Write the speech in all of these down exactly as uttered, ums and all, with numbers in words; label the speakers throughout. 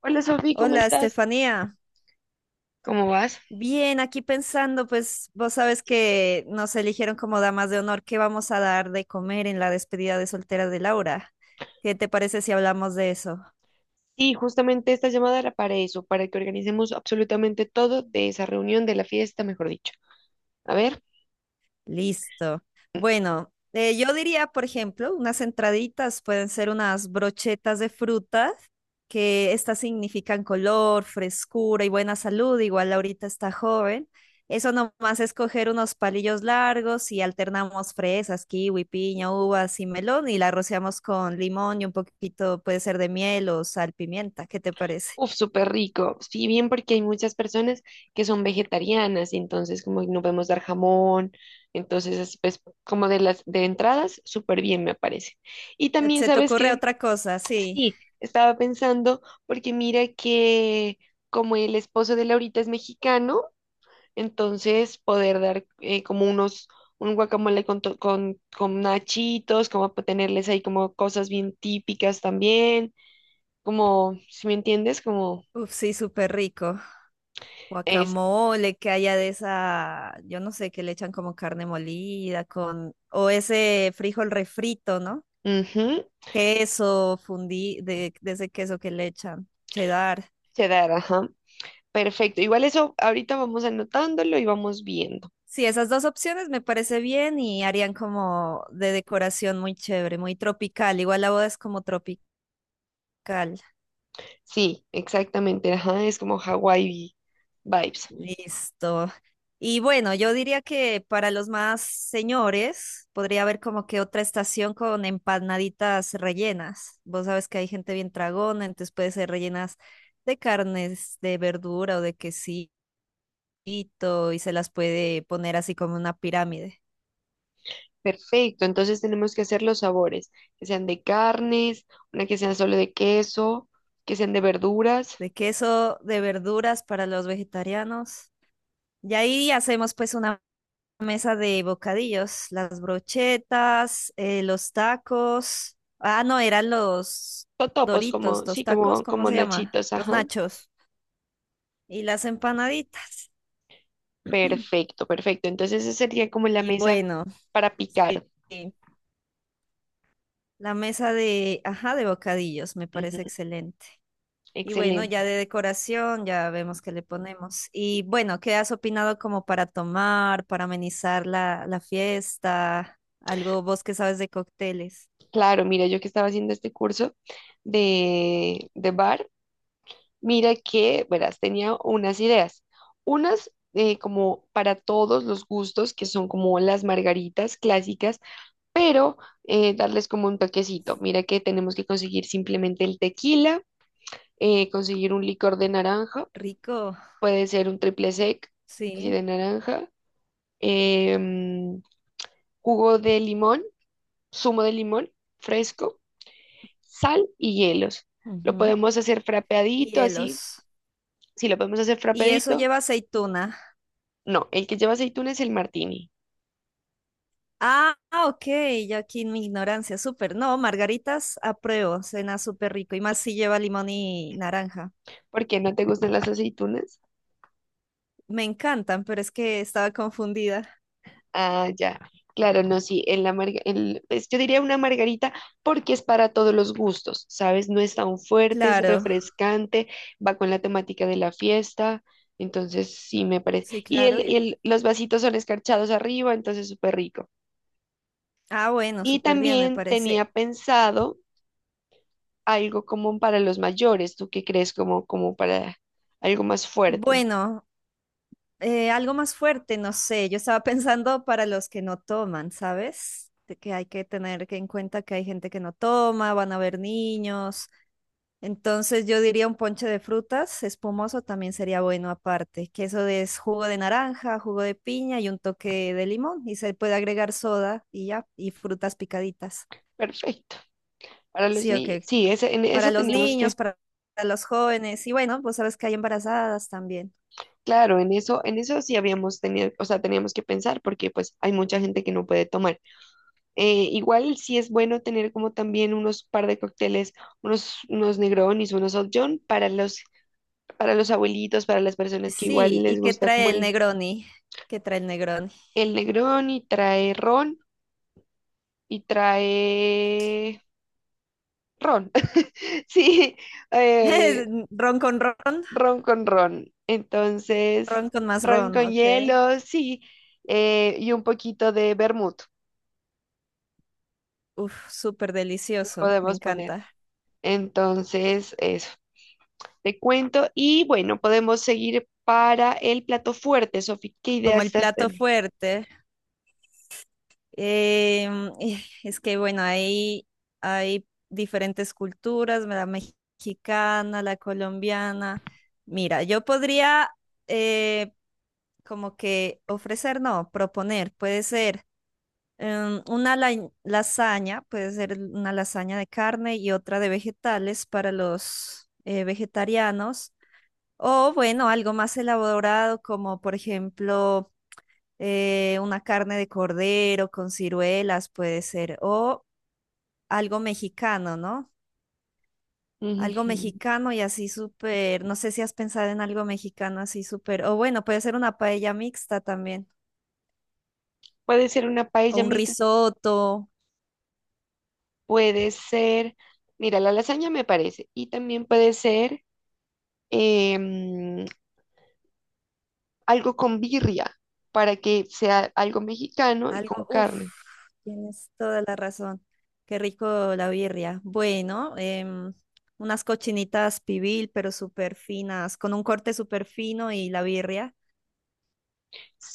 Speaker 1: Hola Sofi, ¿cómo
Speaker 2: Hola,
Speaker 1: estás?
Speaker 2: Estefanía.
Speaker 1: ¿Cómo vas?
Speaker 2: Bien, aquí pensando, pues vos sabes que nos eligieron como damas de honor. ¿Qué vamos a dar de comer en la despedida de soltera de Laura? ¿Qué te parece si hablamos de eso?
Speaker 1: Sí, justamente esta llamada era para eso, para que organicemos absolutamente todo de esa reunión de la fiesta, mejor dicho. A ver,
Speaker 2: Listo. Bueno, eh, yo diría, por ejemplo, unas entraditas pueden ser unas brochetas de fruta, que estas significan color, frescura y buena salud. Igual ahorita está joven. Eso nomás es coger unos palillos largos y alternamos fresas, kiwi, piña, uvas y melón y la rociamos con limón y un poquito puede ser de miel o sal, pimienta. ¿Qué te parece?
Speaker 1: uf, súper rico. Sí, bien porque hay muchas personas que son vegetarianas, entonces como no podemos dar jamón, entonces es, pues como de las de entradas, súper bien me parece. Y también
Speaker 2: ¿Se te
Speaker 1: sabes
Speaker 2: ocurre
Speaker 1: que
Speaker 2: otra cosa? Sí.
Speaker 1: sí, estaba pensando porque mira que como el esposo de Laurita es mexicano, entonces poder dar eh, como unos, un guacamole con, to- con, con nachitos, como pa- tenerles ahí como cosas bien típicas también, como, si me entiendes, como
Speaker 2: Uf, sí, súper rico.
Speaker 1: es,
Speaker 2: Guacamole que haya de esa, yo no sé, que le echan como carne molida con, o ese frijol refrito, ¿no?
Speaker 1: ujú,
Speaker 2: Queso fundí, de, de ese queso que le echan, cheddar.
Speaker 1: quedar, ajá. Perfecto, igual eso ahorita vamos anotándolo y vamos viendo.
Speaker 2: Sí, esas dos opciones me parece bien y harían como de decoración muy chévere, muy tropical. Igual la boda es como tropical.
Speaker 1: Sí, exactamente, ajá, es como Hawaii vibes.
Speaker 2: Listo. Y bueno, yo diría que para los más señores podría haber como que otra estación con empanaditas rellenas. Vos sabes que hay gente bien tragona, entonces puede ser rellenas de carnes, de verdura o de quesito y se las puede poner así como una pirámide
Speaker 1: Perfecto, entonces tenemos que hacer los sabores, que sean de carnes, una que sean solo de queso, que sean de verduras.
Speaker 2: de queso, de verduras para los vegetarianos. Y ahí hacemos pues una mesa de bocadillos, las brochetas, eh, los tacos. Ah, no, eran los
Speaker 1: Totopos,
Speaker 2: Doritos,
Speaker 1: como,
Speaker 2: los
Speaker 1: sí,
Speaker 2: tacos,
Speaker 1: como,
Speaker 2: ¿cómo
Speaker 1: como
Speaker 2: se llama?
Speaker 1: nachitos,
Speaker 2: Los
Speaker 1: ajá.
Speaker 2: nachos y las empanaditas.
Speaker 1: Perfecto, perfecto. Entonces esa sería como la
Speaker 2: Y
Speaker 1: mesa
Speaker 2: bueno,
Speaker 1: para
Speaker 2: sí,
Speaker 1: picar.
Speaker 2: sí, la mesa de, ajá, de bocadillos me
Speaker 1: Ujú,
Speaker 2: parece excelente. Y bueno, ya
Speaker 1: excelente.
Speaker 2: de decoración, ya vemos qué le ponemos. Y bueno, ¿qué has opinado como para tomar, para amenizar la, la fiesta? Algo vos que sabes de cócteles.
Speaker 1: Claro, mira, yo que estaba haciendo este curso de, de bar, mira que, verás, tenía unas ideas. Unas eh, como para todos los gustos, que son como las margaritas clásicas, pero eh, darles como un toquecito. Mira que tenemos que conseguir simplemente el tequila, eh, conseguir un licor de naranja.
Speaker 2: Rico,
Speaker 1: Puede ser un triple sec, así
Speaker 2: sí.
Speaker 1: de naranja, em, jugo de limón, zumo de limón fresco, sal y hielos. Lo
Speaker 2: Ujú.
Speaker 1: podemos hacer frapeadito, así.
Speaker 2: Hielos.
Speaker 1: Si lo podemos hacer
Speaker 2: Y eso
Speaker 1: frapeadito,
Speaker 2: lleva aceituna.
Speaker 1: no. El que lleva aceitunas es el martini.
Speaker 2: Ah, ah, ok, yo aquí en mi ignorancia, súper. No, margaritas, apruebo, cena súper rico. Y más si lleva limón y naranja.
Speaker 1: ¿Por qué no te gustan las aceitunas?
Speaker 2: Me encantan, pero es que estaba confundida.
Speaker 1: Ah, ya. Claro, no, sí, en la marga- en- pues, yo diría una margarita porque es para todos los gustos, ¿sabes? No es tan fuerte, es
Speaker 2: Claro,
Speaker 1: refrescante, va con la temática de la fiesta, entonces sí me parece.
Speaker 2: sí,
Speaker 1: Y,
Speaker 2: claro,
Speaker 1: el, y
Speaker 2: y...
Speaker 1: el- los vasitos son escarchados arriba, entonces súper rico.
Speaker 2: Ah, bueno,
Speaker 1: Y
Speaker 2: súper bien, me
Speaker 1: también
Speaker 2: parece.
Speaker 1: tenía pensado algo como para los mayores, ¿tú qué crees? Como, como para algo más fuerte.
Speaker 2: Bueno, eh, algo más fuerte, no sé. Yo estaba pensando para los que no toman, ¿sabes? De que hay que tener que en cuenta que hay gente que no toma, van a haber niños. Entonces yo diría un ponche de frutas espumoso también sería bueno aparte, que eso es jugo de naranja, jugo de piña y un toque de limón y se puede agregar soda y ya, y frutas picaditas.
Speaker 1: Perfecto. Para los
Speaker 2: Sí, ok.
Speaker 1: niños. Sí, ese, en
Speaker 2: Para
Speaker 1: eso
Speaker 2: los
Speaker 1: teníamos que...
Speaker 2: niños, para para los jóvenes y bueno, pues sabes que hay embarazadas también.
Speaker 1: Claro, en eso, en eso sí habíamos tenido, o sea, teníamos que pensar porque pues hay mucha gente que no puede tomar. Eh, igual sí es bueno tener como también unos par de cócteles, unos, unos Negronis, unos Old John para los, para los abuelitos, para las personas que igual
Speaker 2: Sí, ¿y
Speaker 1: les
Speaker 2: qué
Speaker 1: gusta
Speaker 2: trae
Speaker 1: como
Speaker 2: el
Speaker 1: el,
Speaker 2: Negroni? ¿Qué trae el Negroni?
Speaker 1: el Negroni, trae ron y trae ron. Sí,
Speaker 2: Es
Speaker 1: eh,
Speaker 2: ron con ron,
Speaker 1: ron con ron. Entonces,
Speaker 2: ron con más
Speaker 1: ron
Speaker 2: ron,
Speaker 1: con
Speaker 2: ok.
Speaker 1: hielo, sí, eh, y un poquito de vermut.
Speaker 2: Uf, súper delicioso, me
Speaker 1: Podemos poner.
Speaker 2: encanta.
Speaker 1: Entonces, eso, te cuento. Y bueno, podemos seguir para el plato fuerte, Sofi. ¿Qué
Speaker 2: Como
Speaker 1: ideas
Speaker 2: el
Speaker 1: estás
Speaker 2: plato
Speaker 1: teniendo?
Speaker 2: fuerte. Em, eh, es que bueno, ahí hay diferentes culturas, la mexicana, la colombiana. Mira, yo podría eh, como que ofrecer, no, proponer, puede ser. Em, una lai- lasaña, puede ser una lasaña de carne y otra de vegetales para los eh, vegetarianos. O bueno, algo más elaborado como por ejemplo eh, una carne de cordero con ciruelas puede ser. O algo mexicano, ¿no? Algo
Speaker 1: Ujujú.
Speaker 2: mexicano y así súper, no sé si has pensado en algo mexicano así súper, o bueno, puede ser una paella mixta también,
Speaker 1: Puede ser una
Speaker 2: o
Speaker 1: paella
Speaker 2: un
Speaker 1: mixta,
Speaker 2: risotto.
Speaker 1: puede ser, mira, la lasaña me parece, y también puede ser em, algo con birria, para que sea algo mexicano y con
Speaker 2: Algo, uff,
Speaker 1: carne.
Speaker 2: tienes toda la razón. Qué rico la birria. Bueno, em, unas cochinitas pibil, pero súper finas, con un corte súper fino y la birria.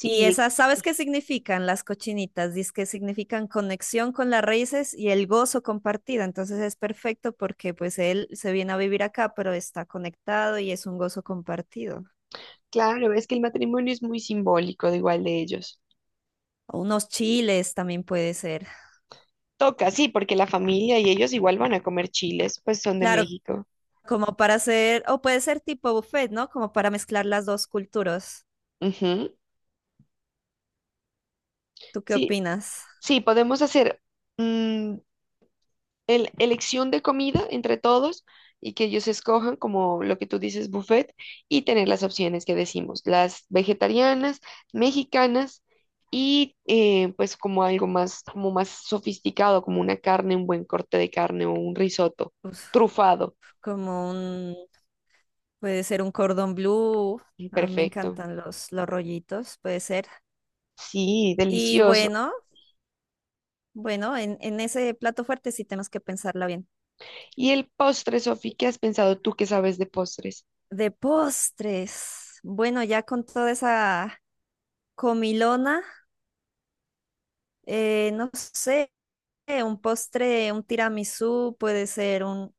Speaker 2: Y esas, ¿sabes qué significan las cochinitas? Dice que significan conexión con las raíces y el gozo compartido. Entonces es perfecto porque pues él se viene a vivir acá, pero está conectado y es un gozo compartido.
Speaker 1: claro, es que el matrimonio es muy simbólico de igual de ellos.
Speaker 2: O unos chiles también puede ser.
Speaker 1: Toca, sí, porque la familia y ellos igual van a comer chiles, pues son de
Speaker 2: Claro,
Speaker 1: México.
Speaker 2: como para hacer, o puede ser tipo buffet, ¿no? Como para mezclar las dos culturas.
Speaker 1: Ujú.
Speaker 2: ¿Tú qué
Speaker 1: Sí,
Speaker 2: opinas?
Speaker 1: sí, podemos hacer mm, el- elección de comida entre todos y que ellos escojan como lo que tú dices, buffet, y tener las opciones que decimos, las vegetarianas, mexicanas y eh, pues como algo más, como más sofisticado, como una carne, un buen corte de carne o un risotto
Speaker 2: Uf,
Speaker 1: trufado.
Speaker 2: como un, puede ser un cordón blue. A mí me
Speaker 1: Perfecto.
Speaker 2: encantan los, los rollitos, puede ser.
Speaker 1: Sí,
Speaker 2: Y
Speaker 1: delicioso.
Speaker 2: bueno, bueno, en, en ese plato fuerte sí tenemos que pensarla bien.
Speaker 1: ¿Y el postre, Sofi? ¿Qué has pensado tú que sabes de postres?
Speaker 2: De postres. Bueno, ya con toda esa comilona, eh, no sé, un postre, un tiramisú, puede ser un...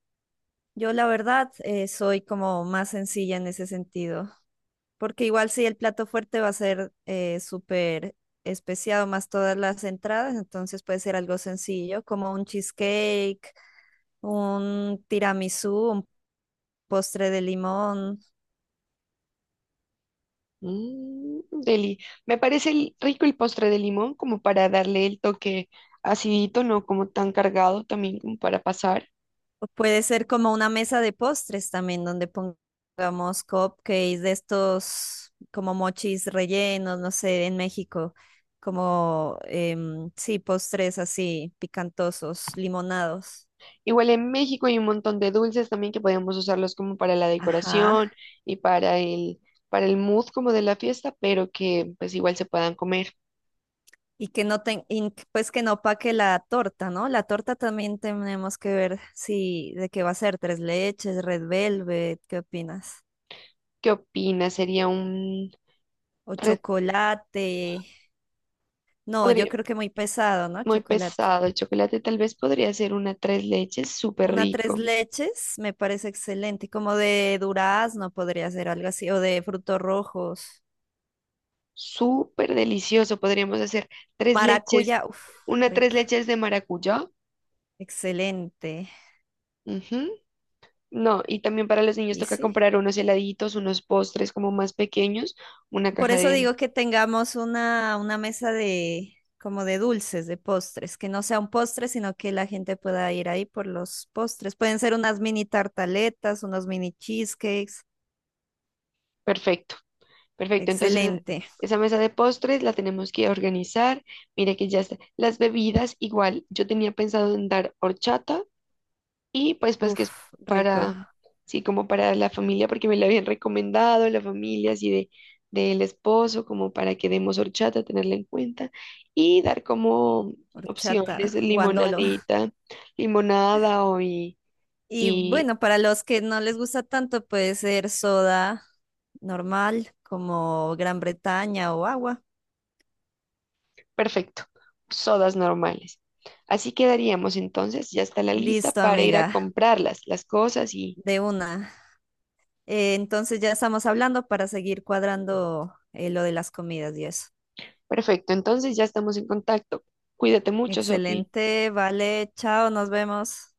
Speaker 2: Yo la verdad eh, soy como más sencilla en ese sentido, porque igual si el plato fuerte va a ser eh, súper especiado más todas las entradas, entonces puede ser algo sencillo como un cheesecake, un tiramisú, un postre de limón.
Speaker 1: Mm, deli. Me parece el- rico el postre de limón como para darle el toque acidito, no como tan cargado también como para pasar.
Speaker 2: O puede ser como una mesa de postres también, donde pongamos cupcakes de estos como mochis rellenos, no sé, en México, como em, sí, postres así, picantosos, limonados.
Speaker 1: Igual en México hay un montón de dulces también que podemos usarlos como para la
Speaker 2: Ajá.
Speaker 1: decoración y para el, para el mood como de la fiesta, pero que pues igual se puedan comer.
Speaker 2: Y que no ten, y que, pues que no opaque la torta, ¿no? La torta también tenemos que ver si de qué va a ser, tres leches, red velvet, ¿qué opinas?
Speaker 1: ¿Qué opinas? Sería un
Speaker 2: O
Speaker 1: re,
Speaker 2: chocolate. No, yo
Speaker 1: podría
Speaker 2: creo que muy pesado, ¿no?
Speaker 1: muy
Speaker 2: Chocolate.
Speaker 1: pesado. El chocolate tal vez podría ser una tres leches súper
Speaker 2: Una tres
Speaker 1: rico,
Speaker 2: leches me parece excelente, como de durazno podría ser algo así, o de frutos rojos.
Speaker 1: súper delicioso. Podríamos hacer tres leches.
Speaker 2: Maracuyá, uff,
Speaker 1: Una tres
Speaker 2: rico,
Speaker 1: leches de maracuyá.
Speaker 2: excelente.
Speaker 1: Ujú. No, y también para los niños
Speaker 2: Y
Speaker 1: toca
Speaker 2: sí,
Speaker 1: comprar unos heladitos, unos postres como más pequeños, una
Speaker 2: por
Speaker 1: caja
Speaker 2: eso
Speaker 1: de...
Speaker 2: digo que tengamos una, una mesa de como de dulces, de postres, que no sea un postre, sino que la gente pueda ir ahí por los postres. Pueden ser unas mini tartaletas, unos mini cheesecakes.
Speaker 1: Perfecto, perfecto. Entonces,
Speaker 2: Excelente.
Speaker 1: esa mesa de postres la tenemos que organizar. Mira que ya está. Las bebidas, igual, yo tenía pensado en dar horchata. Y pues pues que es
Speaker 2: Uf, rico.
Speaker 1: para, sí, como para la familia, porque me la habían recomendado, la familia así de del esposo, como para que demos horchata, tenerla en cuenta, y dar como opciones
Speaker 2: Horchata,
Speaker 1: de
Speaker 2: guandolo.
Speaker 1: limonadita, limonada o y,
Speaker 2: Y
Speaker 1: y
Speaker 2: bueno, para los que no les gusta tanto, puede ser soda normal, como Gran Bretaña o agua.
Speaker 1: perfecto, sodas normales. Así quedaríamos entonces, ya está la lista
Speaker 2: Listo,
Speaker 1: para ir a
Speaker 2: amiga,
Speaker 1: comprarlas, las cosas y
Speaker 2: de una. Eh, entonces ya estamos hablando para seguir cuadrando eh, lo de las comidas y eso.
Speaker 1: perfecto, entonces ya estamos en contacto. Cuídate mucho, Sofía.
Speaker 2: Excelente, vale, chao, nos vemos.